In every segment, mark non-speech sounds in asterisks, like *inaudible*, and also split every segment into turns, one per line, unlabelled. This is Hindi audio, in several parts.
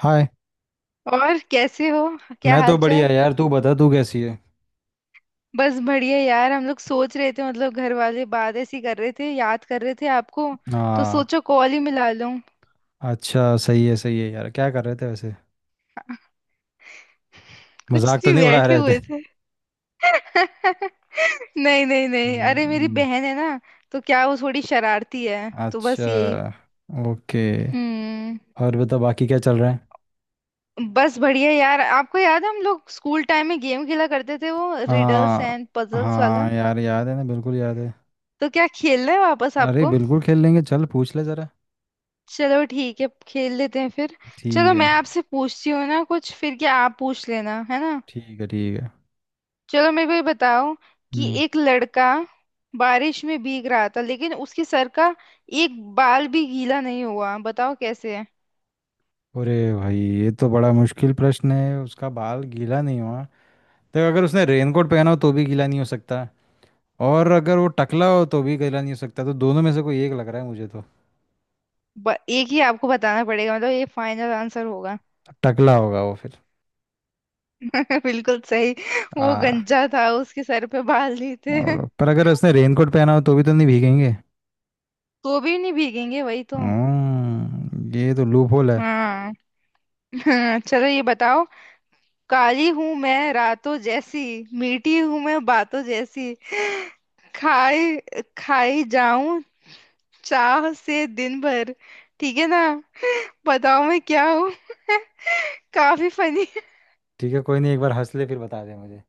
हाय।
और कैसे हो। क्या
मैं तो
हाल
बढ़िया
चाल।
यार। तू बता तू कैसी है।
बस बढ़िया यार। हम लोग सोच रहे थे मतलब घर वाले बात ऐसी कर रहे थे, याद कर रहे थे आपको। तो
हाँ।
सोचो कॉल ही मिला लूं। *laughs*
अच्छा, सही है यार। क्या कर रहे थे वैसे।
कुछ
मजाक तो
नहीं,
नहीं उड़ा
बैठे
रहे थे।
हुए थे। *laughs* नहीं नहीं नहीं, अरे मेरी
हम्म।
बहन है ना, तो क्या वो थोड़ी शरारती है, तो बस
अच्छा।
यही।
ओके।
हम्म।
और बता बाकी क्या चल रहा है।
बस बढ़िया यार। आपको याद है हम लोग स्कूल टाइम में गेम खेला करते थे, वो रिडल्स
हाँ।
एंड पजल्स वाला?
हाँ यार, याद है ना, बिल्कुल याद है।
तो क्या खेलना है वापस
अरे
आपको?
बिल्कुल खेल लेंगे, चल पूछ ले जरा।
चलो ठीक है खेल लेते हैं फिर।
ठीक
चलो मैं
है,
आपसे पूछती हूँ ना कुछ, फिर क्या आप पूछ लेना है ना।
ठीक है, ठीक है।
चलो मेरे को ये बताओ कि
हम्म।
एक लड़का बारिश में भीग रहा था, लेकिन उसके सर का एक बाल भी गीला नहीं हुआ। बताओ कैसे है।
अरे भाई ये तो बड़ा मुश्किल प्रश्न है। उसका बाल गीला नहीं हुआ तो अगर उसने रेनकोट पहना हो तो भी गीला नहीं हो सकता। और अगर वो टकला हो तो भी कहला नहीं सकता। तो दोनों में से कोई एक लग रहा है मुझे तो।
एक ही आपको बताना पड़ेगा, मतलब ये फाइनल आंसर होगा।
टकला होगा वो फिर।
*laughs* बिल्कुल सही। वो
आ
गंजा था, उसके सर पे बाल नहीं थे।
और,
*laughs*
पर अगर उसने रेनकोट पहना हो तो भी तो नहीं भीगेंगे।
तो भी नहीं भीगेंगे वही तो।
ये तो लूप होल है।
हाँ। *laughs* चलो ये बताओ। काली हूं मैं रातों जैसी, मीठी हूं मैं बातों जैसी, खाई खाई जाऊं चाह से दिन भर, ठीक है ना? बताओ मैं क्या हूँ। *laughs* काफी फनी।
ठीक है, कोई नहीं, एक बार हंस ले फिर बता दे मुझे।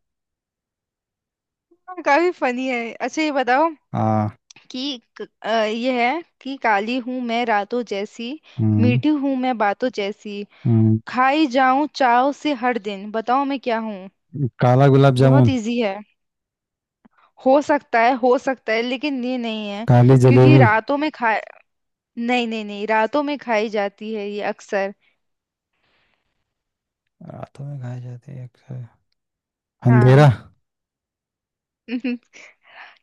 काफी फनी है। अच्छा ये बताओ
हाँ।
कि ये है कि काली हूं मैं रातों जैसी,
हम्म।
मीठी हूं मैं बातों जैसी,
हम्म।
खाई जाऊं चाव से हर दिन। बताओ मैं क्या हूँ।
काला गुलाब
बहुत
जामुन।
इजी है। हो सकता है, हो सकता है, लेकिन ये नहीं है।
काली
क्योंकि
जलेबी।
रातों में खा, नहीं नहीं नहीं, रातों में खाई जाती है ये अक्सर।
रातों में खाई जाती है अक्सर। अंधेरा।
हाँ। *laughs*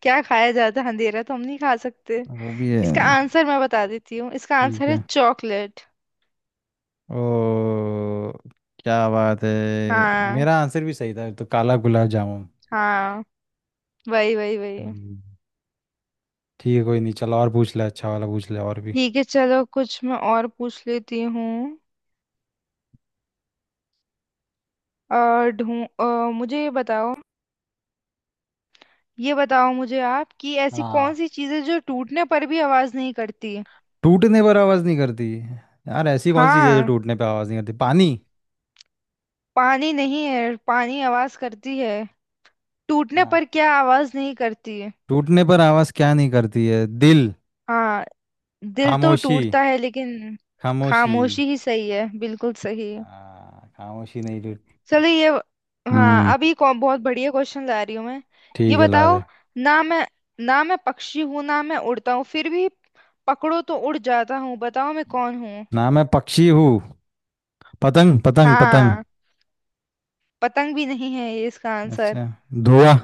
क्या खाया जाता है? अंधेरा तो हम नहीं खा सकते।
वो भी है।
इसका आंसर मैं बता देती हूँ। इसका
ठीक
आंसर है
है।
चॉकलेट।
ओ। क्या बात है।
हाँ।
मेरा आंसर भी सही था तो, काला गुलाब जामुन।
हाँ, वही वही वही।
हम्म। ठीक है, कोई नहीं, चल और पूछ ले, अच्छा वाला पूछ ले और भी।
ठीक है। चलो कुछ मैं और पूछ लेती हूँ। मुझे ये बताओ। ये बताओ मुझे आप कि ऐसी कौन
हाँ।
सी चीज़ है जो टूटने पर भी आवाज नहीं करती।
टूटने पर आवाज़ नहीं करती। यार ऐसी कौन सी चीज़ है जो
हाँ।
टूटने पर आवाज़ नहीं करती। पानी।
पानी नहीं है, पानी आवाज करती है। टूटने
हाँ।
पर क्या आवाज नहीं करती है?
टूटने पर आवाज़ क्या नहीं करती है। दिल।
हाँ। दिल तो
खामोशी।
टूटता है, लेकिन।
खामोशी।
खामोशी ही सही है, बिल्कुल सही है।
हाँ खामोशी नहीं टूट।
चलो ये। हाँ।
हम्म।
बहुत बढ़िया क्वेश्चन ला रही हूँ मैं। ये
ठीक है, ला दे।
बताओ। ना मैं ना मैं पक्षी हूँ, ना मैं उड़ता हूँ, फिर भी पकड़ो तो उड़ जाता हूँ। बताओ मैं कौन हूँ।
ना मैं पक्षी हूँ। पतंग पतंग पतंग।
हाँ। पतंग भी नहीं है ये इसका आंसर।
अच्छा। धुआं।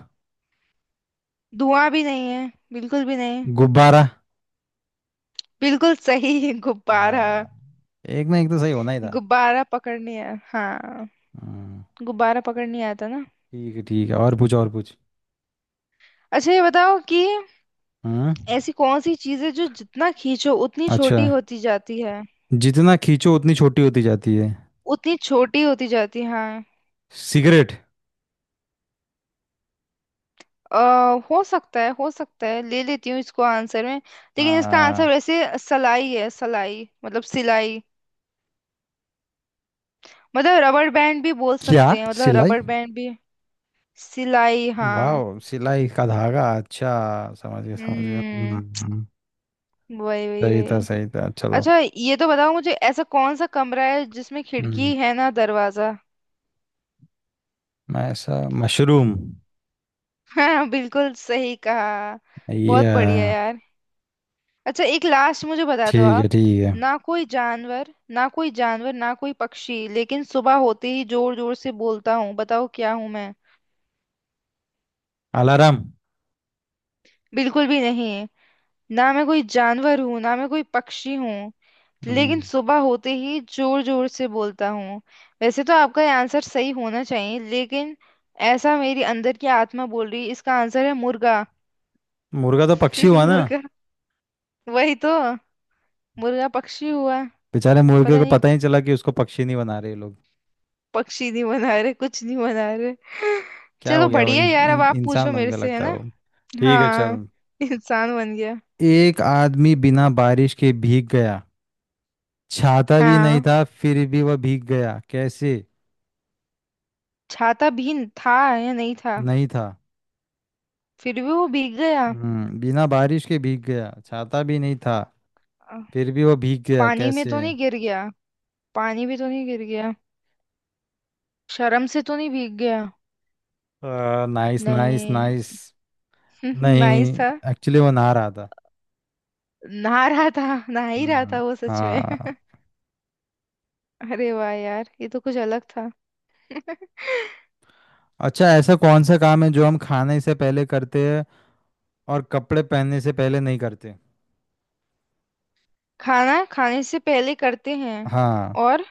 धुआं भी नहीं है, बिल्कुल भी नहीं।
गुब्बारा।
बिल्कुल सही। *laughs* गुब्बारा।
हाँ, एक ना एक तो सही होना ही था।
हाँ।
हम्म।
गुब्बारा पकड़ने आता ना।
ठीक है, ठीक है, और पूछ और पूछ।
अच्छा ये बताओ कि
हम्म।
ऐसी कौन सी चीज है जो जितना खींचो उतनी
अच्छा।
छोटी होती जाती है।
जितना खींचो उतनी छोटी होती जाती है।
उतनी छोटी होती जाती है, हाँ।
सिगरेट।
अ, हो सकता है, हो सकता है, ले लेती हूँ इसको आंसर में। लेकिन इसका आंसर
हाँ।
वैसे सलाई है। सलाई मतलब सिलाई। मतलब रबड़ बैंड भी बोल
क्या।
सकते हैं, मतलब
सिलाई।
रबड़ बैंड भी। सिलाई हाँ।
वाह, सिलाई का धागा, अच्छा समझ गया समझ गया। हम्म।
हम्म,
हम्म।
वही वही वही।
सही था चलो।
अच्छा ये तो बताओ मुझे ऐसा कौन सा कमरा है जिसमें
हम्म।
खिड़की है ना दरवाजा।
मैं ऐसा मशरूम।
हाँ, बिल्कुल सही कहा। बहुत
या।
बढ़िया यार। अच्छा एक लास्ट मुझे बता दो
ठीक है,
आप।
ठीक है।
ना कोई जानवर ना कोई पक्षी, लेकिन सुबह होते ही जोर जोर से बोलता हूँ। बताओ क्या हूँ मैं।
अलार्म।
बिल्कुल भी नहीं। ना मैं कोई जानवर हूँ ना मैं कोई पक्षी हूँ, लेकिन
हम्म।
सुबह होते ही जोर जोर से बोलता हूँ। वैसे तो आपका ये आंसर सही होना चाहिए, लेकिन ऐसा मेरी अंदर की आत्मा बोल रही है। इसका आंसर है मुर्गा।
मुर्गा तो पक्षी
*laughs*
हुआ ना।
मुर्गा, वही तो। मुर्गा पक्षी हुआ।
बेचारे
पता
मुर्गे को
नहीं।
पता ही नहीं चला कि उसको पक्षी नहीं बना रहे ये लोग।
पक्षी नहीं बना रहे, कुछ नहीं बना रहे। *laughs*
क्या हो
चलो
गया वो
बढ़िया
इन,
यार। अब
इन,
आप
इंसान
पूछो
बन
मेरे
गया
से है
लगता है
ना।
वो। ठीक है
हाँ,
चल।
इंसान बन गया।
एक आदमी बिना बारिश के भीग गया। छाता भी नहीं
हाँ।
था फिर भी वह भीग गया कैसे।
छाता भीन था या नहीं था,
नहीं था।
फिर भी वो भीग गया।
बिना बारिश के भीग गया, छाता भी नहीं था,
अ,
फिर भी वह भीग गया
पानी में
कैसे।
तो नहीं गिर गया। पानी भी तो नहीं गिर गया। शर्म से तो नहीं भीग गया।
नाइस नाइस
नहीं।
नाइस।
*laughs* नाइस
नहीं,
था।
एक्चुअली वो नहा रहा था।
नहा रहा था, नहा ही रहा
हम्म।
था वो सच में।
हाँ।
*laughs* अरे वाह यार, ये तो कुछ अलग था। *laughs*
अच्छा, ऐसा कौन सा काम है जो हम खाने से पहले करते हैं और कपड़े पहनने से पहले नहीं करते।
खाना खाने से पहले करते हैं।
हाँ।
और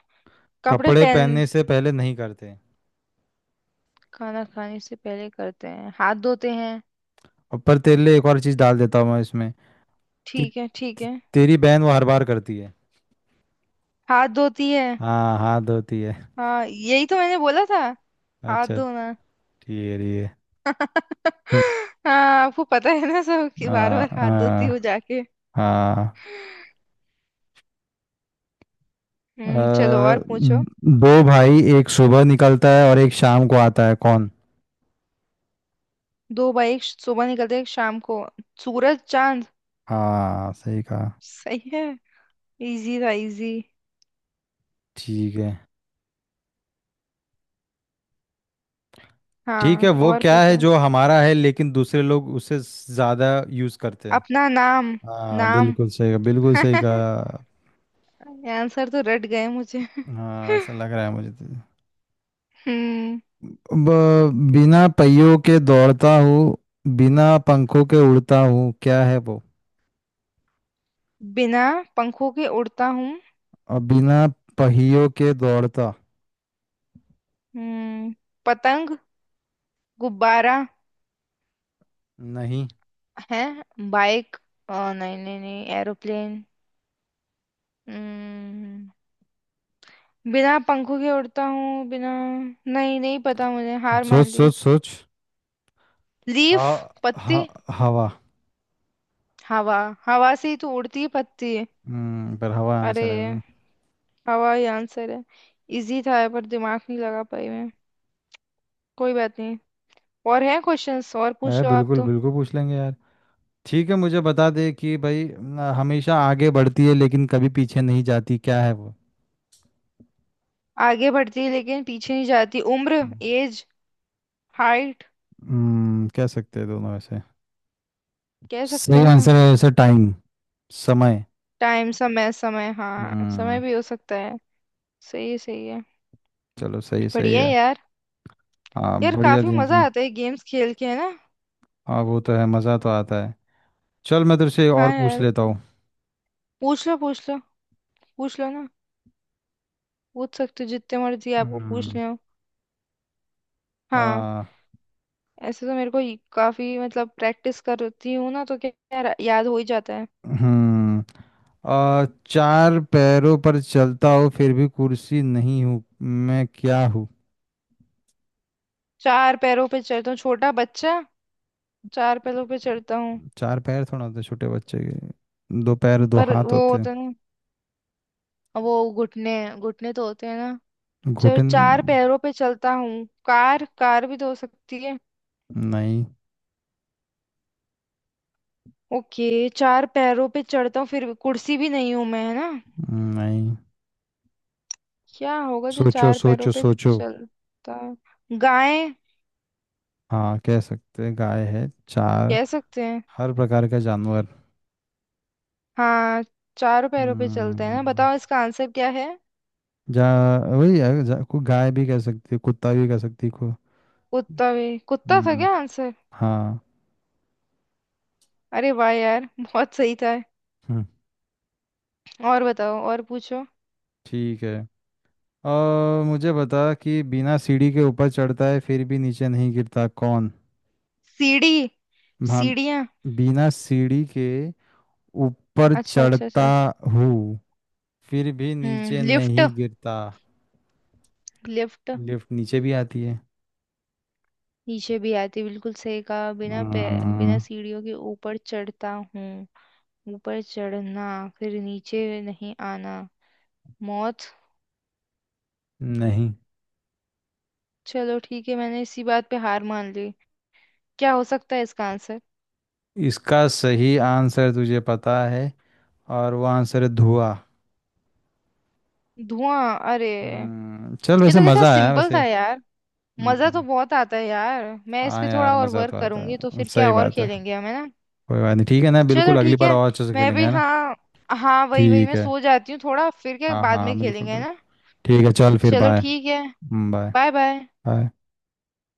कपड़े
कपड़े
पहन।
पहनने से पहले नहीं करते।
खाना खाने से पहले करते हैं हाथ धोते हैं।
और पर तेरे लिए एक और चीज डाल देता हूँ मैं इसमें, कि
ठीक है, ठीक है।
तेरी बहन वो हर बार करती है।
हाथ धोती है।
हाँ, हाथ धोती है।
हाँ, यही तो मैंने बोला था। हाथ
अच्छा।
धोना।
ठीक है। हम्म।
*laughs* हाँ। आपको पता है ना सब कि
आ,
बार बार हाथ धोती हूँ
आ,
जाके।
हाँ।
हम्म। चलो और पूछो।
दो भाई, एक सुबह निकलता है और एक शाम को आता है, कौन।
दो भाई एक सुबह निकलते एक शाम को, सूरज चांद।
हाँ सही कहा।
सही है। इजी था, इजी।
ठीक है, ठीक
हाँ,
है। वो
और
क्या है
पूछो।
जो हमारा है लेकिन दूसरे लोग उसे ज्यादा यूज करते हैं।
अपना नाम।
हाँ,
नाम।
बिल्कुल सही कहा, बिल्कुल सही
*laughs*
कहा।
आंसर तो रट गए मुझे।
हाँ, ऐसा लग रहा है मुझे तो।
हम्म
बिना पहियों के दौड़ता हूँ, बिना पंखों के उड़ता हूँ, क्या है वो।
बिना पंखों के उड़ता हूँ।
और बिना पहियों के दौड़ता।
हम्म पतंग, गुब्बारा
नहीं।
है, बाइक, नहीं नहीं नहीं, एरोप्लेन। हम्म बिना पंखों के उड़ता हूँ, बिना। नहीं, नहीं पता मुझे, हार
सोच
मान ली।
सोच सोच। हा,
लीफ, पत्ती,
हा। हवा।
हवा। हवा से ही तो उड़ती है पत्ती।
पर हवा
अरे,
आंसर है ना।
हवा ही आंसर है। इजी था ये, पर दिमाग नहीं लगा पाई मैं। कोई बात नहीं। और है क्वेश्चंस, और
अरे
पूछ लो आप
बिल्कुल
तो।
बिल्कुल पूछ लेंगे यार। ठीक है, मुझे बता दे कि भाई, न हमेशा आगे बढ़ती है लेकिन कभी पीछे नहीं जाती, क्या है वो।
आगे बढ़ती है लेकिन पीछे नहीं जाती। उम्र, एज, हाइट।
कह सकते हैं दोनों वैसे।
कह सकते
सही
हैं ना।
आंसर है वैसे, टाइम। समय।
टाइम, समय, समय, हाँ, समय
हम्म।
भी हो सकता है। सही है, सही है।
चलो, सही, सही
बढ़िया है
है।
यार।
हाँ
यार
बढ़िया
काफी
दिन
मजा
तुमने।
आता है गेम्स खेल के, है ना।
हाँ, वो तो है, मज़ा तो आता है। चल मैं तेरे से
हाँ
और पूछ
यार।
लेता हूँ।
पूछ लो, पूछ लो, पूछ लो ना। पूछ सकते हो जितने मर्जी आपको
हम्म।
पूछने हो। हाँ।
हाँ।
ऐसे तो मेरे को काफी मतलब प्रैक्टिस करती हूँ ना, तो क्या क्या याद हो ही जाता है।
हम्म। चार पैरों पर चलता हूँ फिर भी कुर्सी नहीं हूँ, मैं क्या हूँ।
चार पैरों पे चलता हूँ छोटा बच्चा। चार पैरों पे चलता हूँ।
चार पैर थोड़ा होते छोटे बच्चे के, दो पैर दो
पर
हाथ
वो
होते हैं।
होता है ना, वो घुटने। घुटने तो होते हैं ना। चलो,
घुटन।
चार पैरों पे चलता हूँ, कार, कार भी तो हो सकती है।
नहीं।
ओके। चार पैरों पे चढ़ता हूँ, फिर भी- कुर्सी भी नहीं हूँ मैं, है ना।
नहीं।
क्या होगा जो
सोचो
चार पैरों
सोचो
पे
सोचो।
चलता है? गाय।
हाँ, कह सकते हैं, गाय है, चार।
कह सकते हैं।
हर प्रकार का जानवर।
हाँ, चार पैरों पे चलते हैं
हम्म।
ना। बताओ इसका आंसर क्या है।
जा। वही है, जा, को गाय भी कह सकती है, कुत्ता भी कह सकती है, को।
कुत्ता भी, कुत्ता था
हम्म।
क्या आंसर?
हाँ।
अरे वाह यार। *laughs* बहुत सही था।
हम्म।
और बताओ, और पूछो।
ठीक है। और मुझे बता कि बिना सीढ़ी के ऊपर चढ़ता है फिर भी नीचे नहीं गिरता, कौन।
सीढ़ी,
हाँ।
सीढ़ियाँ।
बिना सीढ़ी के ऊपर
अच्छा, अच्छा,
चढ़ता
अच्छा।
हूँ, फिर भी नीचे
लिफ्ट,
नहीं गिरता।
लिफ्ट।
लिफ्ट नीचे भी आती है।
नीचे भी आती, बिल्कुल सही कहा। बिना पे, बिना
हम्म।
सीढ़ियों के ऊपर चढ़ता हूँ, ऊपर चढ़ना, फिर नीचे नहीं आना, मौत।
नहीं।
चलो ठीक है, मैंने इसी बात पे हार मान ली। क्या हो सकता है इसका आंसर?
इसका सही आंसर तुझे पता है, और वो आंसर है धुआं।
धुआं। अरे!
हम्म। चल
ये
वैसे,
तो कितना
मज़ा आया
सिंपल था
वैसे।
यार। मजा तो
हम्म।
बहुत आता है यार, मैं इस
हाँ
पे
यार,
थोड़ा और
मज़ा
वर्क
तो आता
करूंगी तो
है,
फिर क्या,
सही
और
बात है।
खेलेंगे हम, है ना।
कोई बात नहीं, ठीक है ना,
चलो
बिल्कुल, अगली
ठीक
बार
है।
और अच्छे से
मैं
खेलेंगे,
भी,
है ना।
हाँ, हाँ, वही वही।
ठीक
मैं
है।
सो जाती हूँ थोड़ा, फिर क्या
हाँ
बाद
हाँ
में
बिल्कुल
खेलेंगे, है
बिल्कुल।
ना।
ठीक है, चल फिर,
चलो
बाय।
ठीक है।
बाय।
Bye bye.
बाय।